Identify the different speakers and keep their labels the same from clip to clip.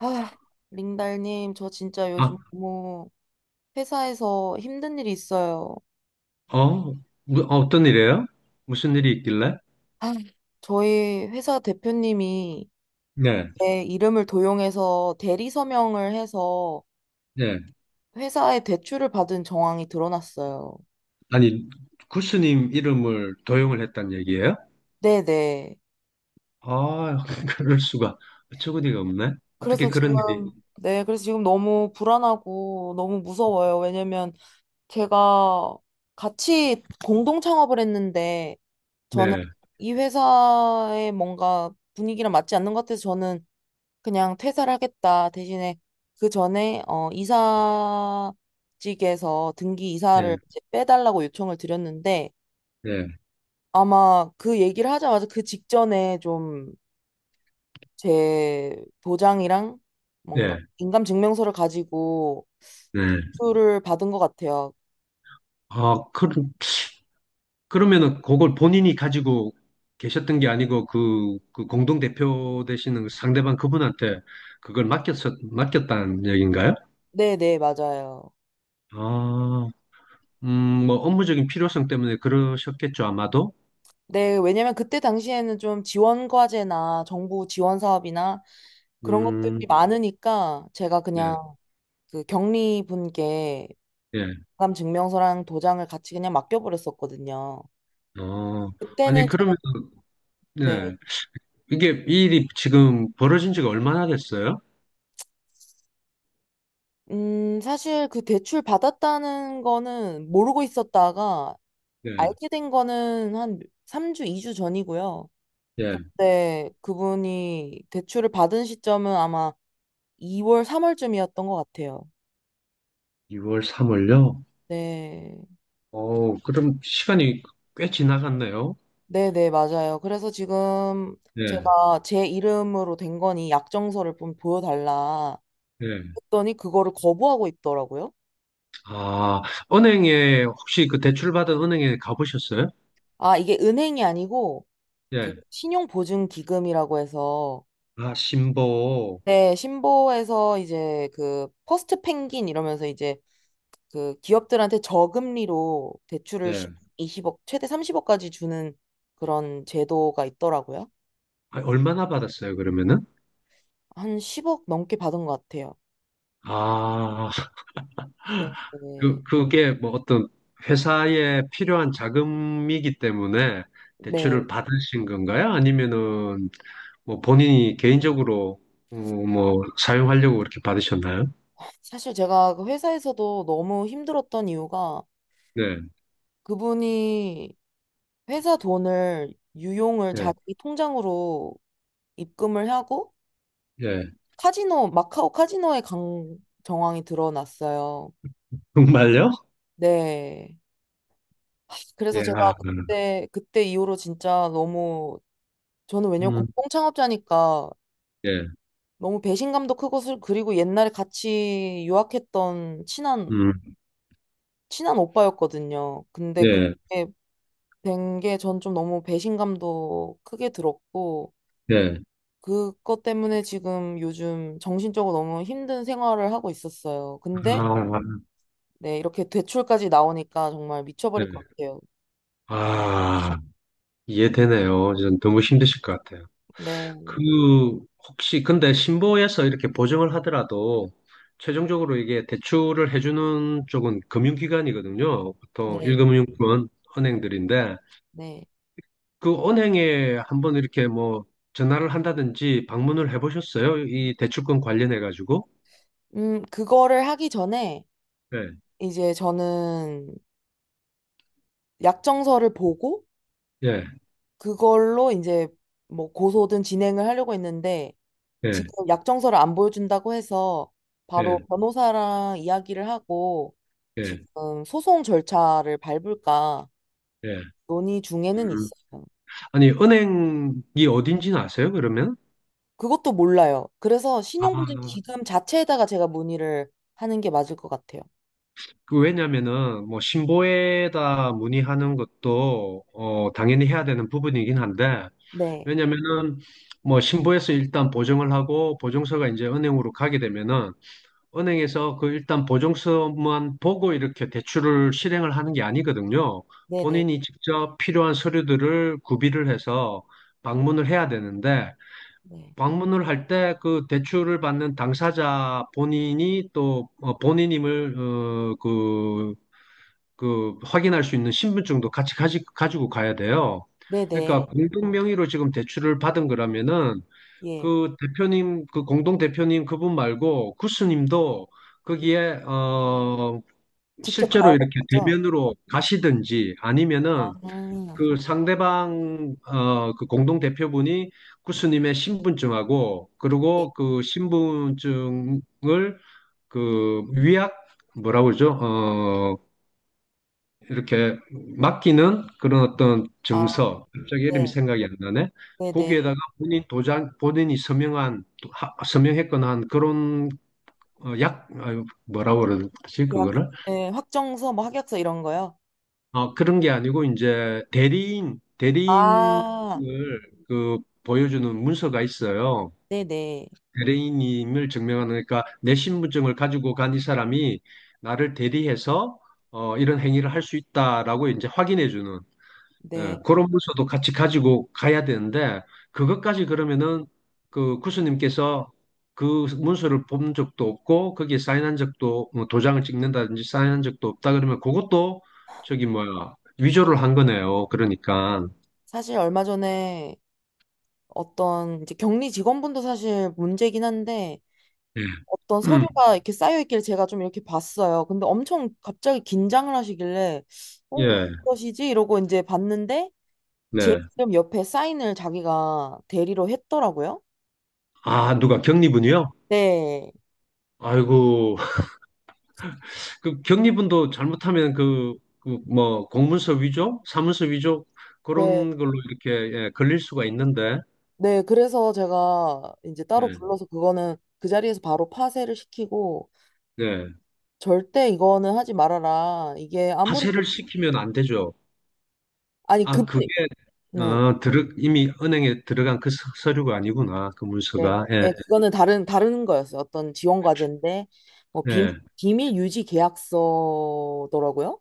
Speaker 1: 아, 링달님, 저 진짜 요즘
Speaker 2: 아,
Speaker 1: 너무 회사에서 힘든 일이 있어요.
Speaker 2: 어, 뭐, 어, 어떤 일이에요? 무슨 일이 있길래?
Speaker 1: 아, 저희 회사 대표님이
Speaker 2: 네,
Speaker 1: 제 이름을 도용해서 대리 서명을 해서
Speaker 2: 네.
Speaker 1: 회사에 대출을 받은 정황이 드러났어요.
Speaker 2: 아니, 구스님 이름을 도용을 했단 얘기예요?
Speaker 1: 네네.
Speaker 2: 아, 그럴 수가. 어처구니가 없네. 어떻게
Speaker 1: 그래서 지금,
Speaker 2: 그런 일이,
Speaker 1: 네, 그래서 지금 너무 불안하고 너무 무서워요. 왜냐면 제가 같이 공동 창업을 했는데 저는
Speaker 2: 네,
Speaker 1: 이 회사의 뭔가 분위기랑 맞지 않는 것 같아서 저는 그냥 퇴사를 하겠다. 대신에 그 전에 이사직에서 등기 이사를
Speaker 2: 네,
Speaker 1: 이제 빼달라고 요청을 드렸는데
Speaker 2: 네,
Speaker 1: 아마 그 얘기를 하자마자 그 직전에 좀 제 도장이랑 뭔가
Speaker 2: 네,
Speaker 1: 인감증명서를 가지고
Speaker 2: 네.
Speaker 1: 수를 받은 것 같아요.
Speaker 2: 아, 그, 그러면은 그걸 본인이 가지고 계셨던 게 아니고 그, 그 공동대표 되시는 그 상대방 그분한테 그걸 맡겼다는 얘기인가요?
Speaker 1: 네네, 맞아요.
Speaker 2: 아, 음, 뭐 업무적인 필요성 때문에 그러셨겠죠, 아마도?
Speaker 1: 네, 왜냐면 그때 당시에는 좀 지원 과제나 정부 지원 사업이나 그런 것들이
Speaker 2: 음,
Speaker 1: 많으니까 제가
Speaker 2: 네,
Speaker 1: 그냥 그 격리 분께
Speaker 2: 예.
Speaker 1: 마감 증명서랑 도장을 같이 그냥 맡겨버렸었거든요.
Speaker 2: 어, 아니,
Speaker 1: 그때는 제가,
Speaker 2: 그러면, 네.
Speaker 1: 네.
Speaker 2: 이게, 이 일이 지금 벌어진 지가 얼마나 됐어요?
Speaker 1: 사실 그 대출 받았다는 거는 모르고 있었다가
Speaker 2: 예,
Speaker 1: 알게 된 거는 한 3주, 2주 전이고요.
Speaker 2: 예.
Speaker 1: 네, 그분이 대출을 받은 시점은 아마 2월, 3월쯤이었던 것 같아요.
Speaker 2: 2월, 3월요?
Speaker 1: 네.
Speaker 2: 어, 그럼 시간이 꽤 지나갔네요.
Speaker 1: 네네, 맞아요. 그래서 지금
Speaker 2: 예,
Speaker 1: 제가 제 이름으로 된 거니 약정서를 좀 보여달라
Speaker 2: 예.
Speaker 1: 했더니 그거를 거부하고 있더라고요.
Speaker 2: 아, 은행에, 혹시 그 대출받은 은행에 가보셨어요?
Speaker 1: 아, 이게 은행이 아니고 그
Speaker 2: 예.
Speaker 1: 신용보증기금이라고 해서
Speaker 2: 아, 신보.
Speaker 1: 네, 신보에서 이제 그 퍼스트 펭귄 이러면서 이제 그 기업들한테 저금리로 대출을
Speaker 2: 예.
Speaker 1: 20억 최대 30억까지 주는 그런 제도가 있더라고요.
Speaker 2: 아, 얼마나 받았어요, 그러면은?
Speaker 1: 한 10억 넘게 받은 것 같아요.
Speaker 2: 아,
Speaker 1: 네. 네.
Speaker 2: 그, 그게 뭐 어떤 회사에 필요한 자금이기 때문에
Speaker 1: 네.
Speaker 2: 대출을 받으신 건가요? 아니면은 뭐 본인이 개인적으로 어, 뭐 사용하려고 그렇게 받으셨나요?
Speaker 1: 사실 제가 그 회사에서도 너무 힘들었던 이유가
Speaker 2: 네,
Speaker 1: 그분이 회사 돈을 유용을
Speaker 2: 예,
Speaker 1: 자기 통장으로 입금을 하고
Speaker 2: 예.
Speaker 1: 카지노, 마카오 카지노에 간 정황이 드러났어요.
Speaker 2: 정말요?
Speaker 1: 네. 하,
Speaker 2: 예,
Speaker 1: 그래서 제가
Speaker 2: 아,
Speaker 1: 그때 이후로 진짜 너무, 저는 왜냐면 공
Speaker 2: 음,
Speaker 1: 동 창업자니까
Speaker 2: 예,
Speaker 1: 너무 배신감도 크고, 그리고 옛날에 같이 유학했던 친한,
Speaker 2: 음,
Speaker 1: 친한 오빠였거든요. 근데
Speaker 2: 예,
Speaker 1: 그렇게 된 게 전 좀 너무 배신감도 크게 들었고,
Speaker 2: 예.
Speaker 1: 그것 때문에 지금 요즘 정신적으로 너무 힘든 생활을 하고 있었어요. 근데
Speaker 2: 아,
Speaker 1: 네, 이렇게 대출까지 나오니까 정말 미쳐버릴
Speaker 2: 네.
Speaker 1: 것 같아요.
Speaker 2: 아, 이해되네요. 전 너무 힘드실 것 같아요.
Speaker 1: 네,
Speaker 2: 그 혹시 근데 신보에서 이렇게 보증을 하더라도 최종적으로 이게 대출을 해주는 쪽은 금융기관이거든요. 보통
Speaker 1: 네.
Speaker 2: 일금융권 은행들인데
Speaker 1: 네.
Speaker 2: 그 은행에 한번 이렇게 뭐 전화를 한다든지 방문을 해보셨어요? 이 대출권 관련해 가지고?
Speaker 1: 그거를 하기 전에
Speaker 2: 예,
Speaker 1: 이제 저는 약정서를 보고
Speaker 2: 예,
Speaker 1: 그걸로 이제 뭐 고소든 진행을 하려고 했는데
Speaker 2: 예,
Speaker 1: 지금 약정서를 안 보여준다고 해서
Speaker 2: 예,
Speaker 1: 바로 변호사랑 이야기를 하고
Speaker 2: 예,
Speaker 1: 지금 소송 절차를 밟을까
Speaker 2: 예.
Speaker 1: 논의 중에는
Speaker 2: 음.
Speaker 1: 있어요.
Speaker 2: 아니 은행이 어딘지는 아세요? 그러면?
Speaker 1: 그것도 몰라요. 그래서
Speaker 2: 아,
Speaker 1: 신용보증 기금 자체에다가 제가 문의를 하는 게 맞을 것 같아요.
Speaker 2: 그 왜냐면은 뭐 신고에다 문의하는 것도 어 당연히 해야 되는 부분이긴 한데
Speaker 1: 네,
Speaker 2: 왜냐면은 뭐 신고에서 일단 보증을 하고 보증서가 이제 은행으로 가게 되면은 은행에서 그 일단 보증서만 보고 이렇게 대출을 실행을 하는 게 아니거든요.
Speaker 1: 네네,
Speaker 2: 본인이 직접 필요한 서류들을 구비를 해서 방문을 해야 되는데
Speaker 1: 네,
Speaker 2: 방문을 할 때 그 대출을 받는 당사자 본인이 또 어, 본인임을 어, 그 그 확인할 수 있는 신분증도 같이 가지고 가야 돼요. 그러니까
Speaker 1: 네네,
Speaker 2: 공동 명의로 지금 대출을 받은 거라면은
Speaker 1: 예.
Speaker 2: 그 대표님, 그 공동 대표님 그분 말고 구스님도
Speaker 1: 이-
Speaker 2: 거기에 어
Speaker 1: 직접
Speaker 2: 실제로
Speaker 1: 가야 되는
Speaker 2: 이렇게
Speaker 1: 거죠?
Speaker 2: 대면으로 가시든지
Speaker 1: 아,
Speaker 2: 아니면은 그 상대방 어 그 공동 대표분이 구스님의 신분증하고
Speaker 1: 예.
Speaker 2: 그리고 그 신분증을 그 위약 뭐라고 그러죠? 어 이렇게 맡기는 그런 어떤
Speaker 1: 아,
Speaker 2: 증서, 갑자기 이름이
Speaker 1: 네,
Speaker 2: 생각이 안 나네.
Speaker 1: 네네.
Speaker 2: 거기에다가 본인 도장, 본인이 서명한, 서명했거나 한 그런 어, 약, 아유, 뭐라고 그러지,
Speaker 1: 계약,
Speaker 2: 그거를?
Speaker 1: 네, 확정서, 뭐 합약서 이런 거요?
Speaker 2: 어, 그런 게 아니고, 이제 대리인, 대리인을
Speaker 1: 아,
Speaker 2: 그 보여주는 문서가 있어요.
Speaker 1: 네네,
Speaker 2: 대리인임을 증명하는, 그러니까 내 신분증을 가지고 간 이 사람이 나를 대리해서 어, 이런 행위를 할 수 있다라고 이제 확인해 주는. 예,
Speaker 1: 네.
Speaker 2: 그런 문서도 같이 가지고 가야 되는데 그것까지 그러면은 그 구스님께서 그 문서를 본 적도 없고 거기에 사인한 적도 뭐 도장을 찍는다든지 사인한 적도 없다 그러면 그것도 저기 뭐야 위조를 한 거네요. 그러니까
Speaker 1: 사실 얼마 전에 어떤 이제 격리 직원분도 사실 문제긴 한데
Speaker 2: 예,
Speaker 1: 어떤 서류가 이렇게 쌓여 있길 제가 좀 이렇게 봤어요. 근데 엄청 갑자기 긴장을 하시길래, 어,
Speaker 2: 예,
Speaker 1: 무엇이지? 이러고 이제 봤는데 제
Speaker 2: 네.
Speaker 1: 이름 옆에 사인을 자기가 대리로 했더라고요.
Speaker 2: 아 누가 경리분이요?
Speaker 1: 네,
Speaker 2: 아이고 그 경리분도 잘못하면 그, 그 뭐 공문서 위조, 사문서 위조
Speaker 1: 네,
Speaker 2: 그런 걸로 이렇게 예, 걸릴 수가 있는데
Speaker 1: 네. 그래서 제가 이제 따로
Speaker 2: 예,
Speaker 1: 불러서 그거는 그 자리에서 바로 파쇄를 시키고
Speaker 2: 네.
Speaker 1: 절대 이거는 하지 말아라. 이게 아무리
Speaker 2: 하세를 시키면 안 되죠.
Speaker 1: 아니 그
Speaker 2: 아,
Speaker 1: 분
Speaker 2: 그게
Speaker 1: 네,
Speaker 2: 어, 들어, 이미 은행에 들어간 그 서류가 아니구나. 그
Speaker 1: 네,
Speaker 2: 문서가. 예,
Speaker 1: 네. 그거는 다른 거였어요. 어떤 지원 과제인데 뭐
Speaker 2: 예,
Speaker 1: 비밀 유지 계약서더라고요.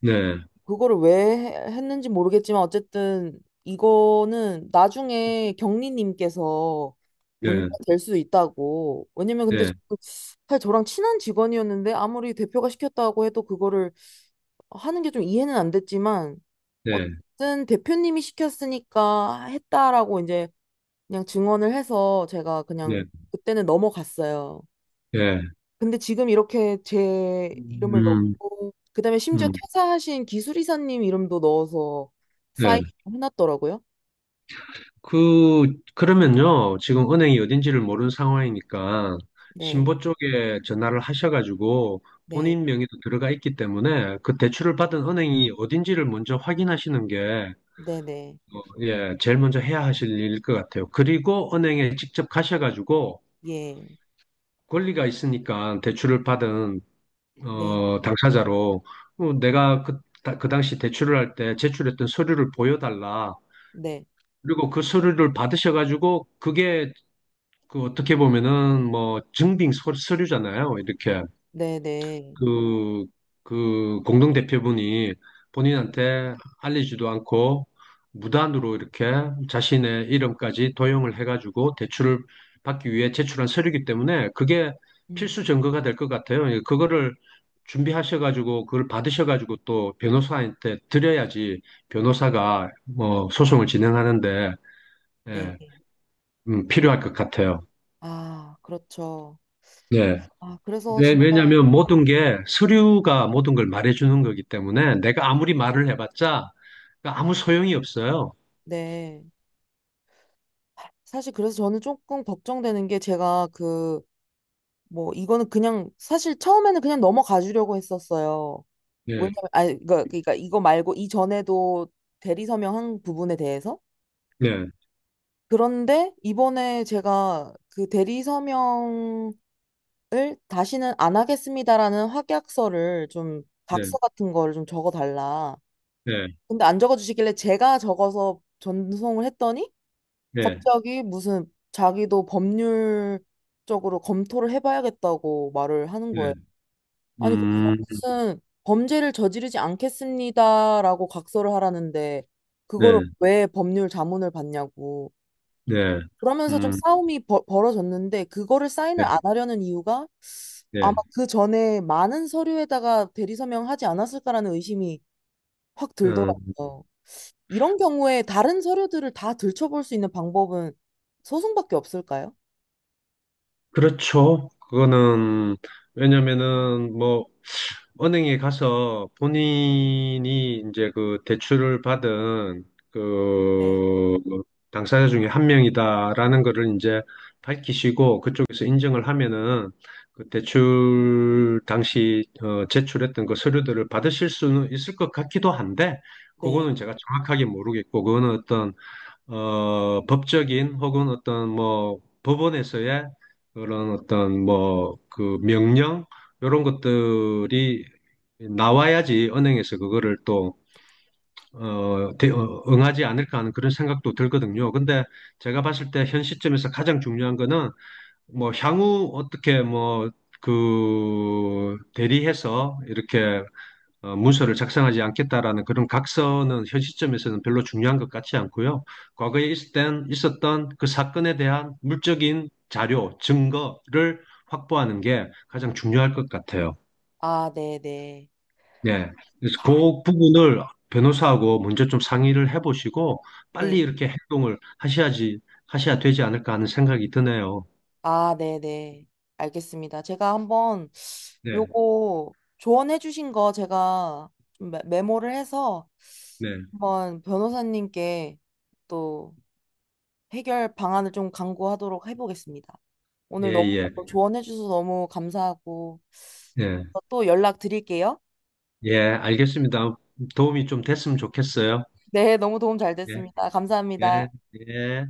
Speaker 2: 네,
Speaker 1: 그거를 왜 했는지 모르겠지만 어쨌든 이거는 나중에 경리님께서
Speaker 2: 네,
Speaker 1: 문제가 될 수 있다고. 왜냐면 근데
Speaker 2: 네,
Speaker 1: 사실 저랑 친한 직원이었는데 아무리 대표가 시켰다고 해도 그거를 하는 게 좀 이해는 안 됐지만
Speaker 2: 네,
Speaker 1: 어쨌든 대표님이 시켰으니까 했다라고 이제 그냥 증언을 해서 제가
Speaker 2: 네,
Speaker 1: 그냥 그때는 넘어갔어요.
Speaker 2: 네.
Speaker 1: 근데 지금 이렇게 제 이름을
Speaker 2: 음,
Speaker 1: 넣고 그다음에 심지어
Speaker 2: 음,
Speaker 1: 퇴사하신 기술이사님 이름도 넣어서 사인
Speaker 2: 네.
Speaker 1: 해놨더라고요.
Speaker 2: 그, 그러면요. 지금 은행이 어딘지를 모르는 상황이니까
Speaker 1: 네,
Speaker 2: 신보 쪽에 전화를 하셔가지고
Speaker 1: 네,
Speaker 2: 본인 명의로 들어가 있기 때문에 그 대출을 받은 은행이 어딘지를 먼저 확인하시는 게
Speaker 1: 네, 네,
Speaker 2: 예, 제일 먼저 해야 하실 일일 것 같아요. 그리고 은행에 직접 가셔가지고
Speaker 1: 예,
Speaker 2: 권리가 있으니까 대출을 받은
Speaker 1: 네,
Speaker 2: 어, 당사자로 어, 내가 그, 그 당시 대출을 할 때 제출했던 서류를 보여달라.
Speaker 1: 네,
Speaker 2: 그리고 그 서류를 받으셔가지고 그게 그 어떻게 보면은 뭐 증빙 서류잖아요. 이렇게.
Speaker 1: 네, 네,
Speaker 2: 그, 그 공동 대표분이 본인한테 알리지도 않고 무단으로 이렇게 자신의 이름까지 도용을 해가지고 대출을 받기 위해 제출한 서류이기 때문에 그게
Speaker 1: 음,
Speaker 2: 필수 증거가 될 것 같아요. 예, 그거를 준비하셔가지고 그걸 받으셔가지고 또 변호사한테 드려야지 변호사가 뭐 소송을 진행하는데 예,
Speaker 1: 네.
Speaker 2: 필요할 것 같아요.
Speaker 1: 아, 그렇죠.
Speaker 2: 네.
Speaker 1: 아, 그래서
Speaker 2: 왜,
Speaker 1: 진짜
Speaker 2: 왜냐면 모든 게 서류가 모든 걸 말해주는 거기 때문에 내가 아무리 말을 해봤자 그러니까 아무 소용이 없어요.
Speaker 1: 네. 사실 그래서 저는 조금 걱정되는 게 제가 그 뭐 이거는 그냥 사실 처음에는 그냥 넘어가 주려고 했었어요.
Speaker 2: 네,
Speaker 1: 왜냐면 그러니까, 이거 말고 이전에도 대리 서명한 부분에 대해서
Speaker 2: 네,
Speaker 1: 그런데 이번에 제가 그 대리 서명을 다시는 안 하겠습니다라는 확약서를 좀
Speaker 2: 네,
Speaker 1: 각서 같은 거를 좀 적어 달라.
Speaker 2: 네,
Speaker 1: 근데 안 적어 주시길래 제가 적어서 전송을 했더니
Speaker 2: 네,
Speaker 1: 갑자기 무슨 자기도 법률적으로 검토를 해봐야겠다고 말을 하는
Speaker 2: 네,
Speaker 1: 거예요. 아니, 거기서
Speaker 2: 음,
Speaker 1: 무슨 범죄를 저지르지 않겠습니다라고 각서를 하라는데, 그거를
Speaker 2: 네,
Speaker 1: 왜 법률 자문을 받냐고.
Speaker 2: 네,
Speaker 1: 그러면서 좀
Speaker 2: 음,
Speaker 1: 싸움이 벌어졌는데, 그거를 사인을
Speaker 2: 네,
Speaker 1: 안 하려는 이유가
Speaker 2: 네,
Speaker 1: 아마 그 전에 많은 서류에다가 대리서명하지 않았을까라는 의심이 확
Speaker 2: 음,
Speaker 1: 들더라고요. 이런 경우에 다른 서류들을 다 들춰볼 수 있는 방법은 소송밖에 없을까요?
Speaker 2: 그렇죠. 그거는 왜냐면은 뭐 은행에 가서 본인이 이제 그 대출을 받은
Speaker 1: 네,
Speaker 2: 그 당사자 중에 한 명이다라는 거를 이제 밝히시고 그쪽에서 인정을 하면은 그 대출 당시 어, 제출했던 그 서류들을 받으실 수는 있을 것 같기도 한데
Speaker 1: 네.
Speaker 2: 그거는 제가 정확하게 모르겠고 그거는 어떤 어, 법적인 혹은 어떤 뭐 법원에서의 그런 어떤 뭐 그 명령 이런 것들이 나와야지 은행에서 그거를 또 어, 응하지 않을까 하는 그런 생각도 들거든요. 근데 제가 봤을 때 현 시점에서 가장 중요한 거는 뭐 향후 어떻게 뭐 그 대리해서 이렇게 어, 문서를 작성하지 않겠다라는 그런 각서는 현 시점에서는 별로 중요한 것 같지 않고요. 과거에 있을 땐 있었던 그 사건에 대한 물적인 자료, 증거를 확보하는 게 가장 중요할 것 같아요.
Speaker 1: 아, 네, 네.
Speaker 2: 네. 그래서 그 부분을 변호사하고 먼저 좀 상의를 해보시고 빨리
Speaker 1: 네.
Speaker 2: 이렇게 행동을 하셔야지, 하셔야 되지 않을까 하는 생각이 드네요.
Speaker 1: 아, 네네. 알겠습니다. 제가 한번
Speaker 2: 네,
Speaker 1: 요거 조언해 주신 거 제가 좀 메모를 해서
Speaker 2: 네.
Speaker 1: 한번 변호사님께 또 해결 방안을 좀 강구하도록 해보겠습니다.
Speaker 2: 예,
Speaker 1: 오늘 너무
Speaker 2: 예,
Speaker 1: 조언해 주셔서 너무 감사하고
Speaker 2: 예.
Speaker 1: 또 연락 드릴게요.
Speaker 2: 예, 알겠습니다. 도움이 좀 됐으면 좋겠어요.
Speaker 1: 네, 너무 도움 잘
Speaker 2: 예,
Speaker 1: 됐습니다.
Speaker 2: 예,
Speaker 1: 감사합니다.
Speaker 2: 예.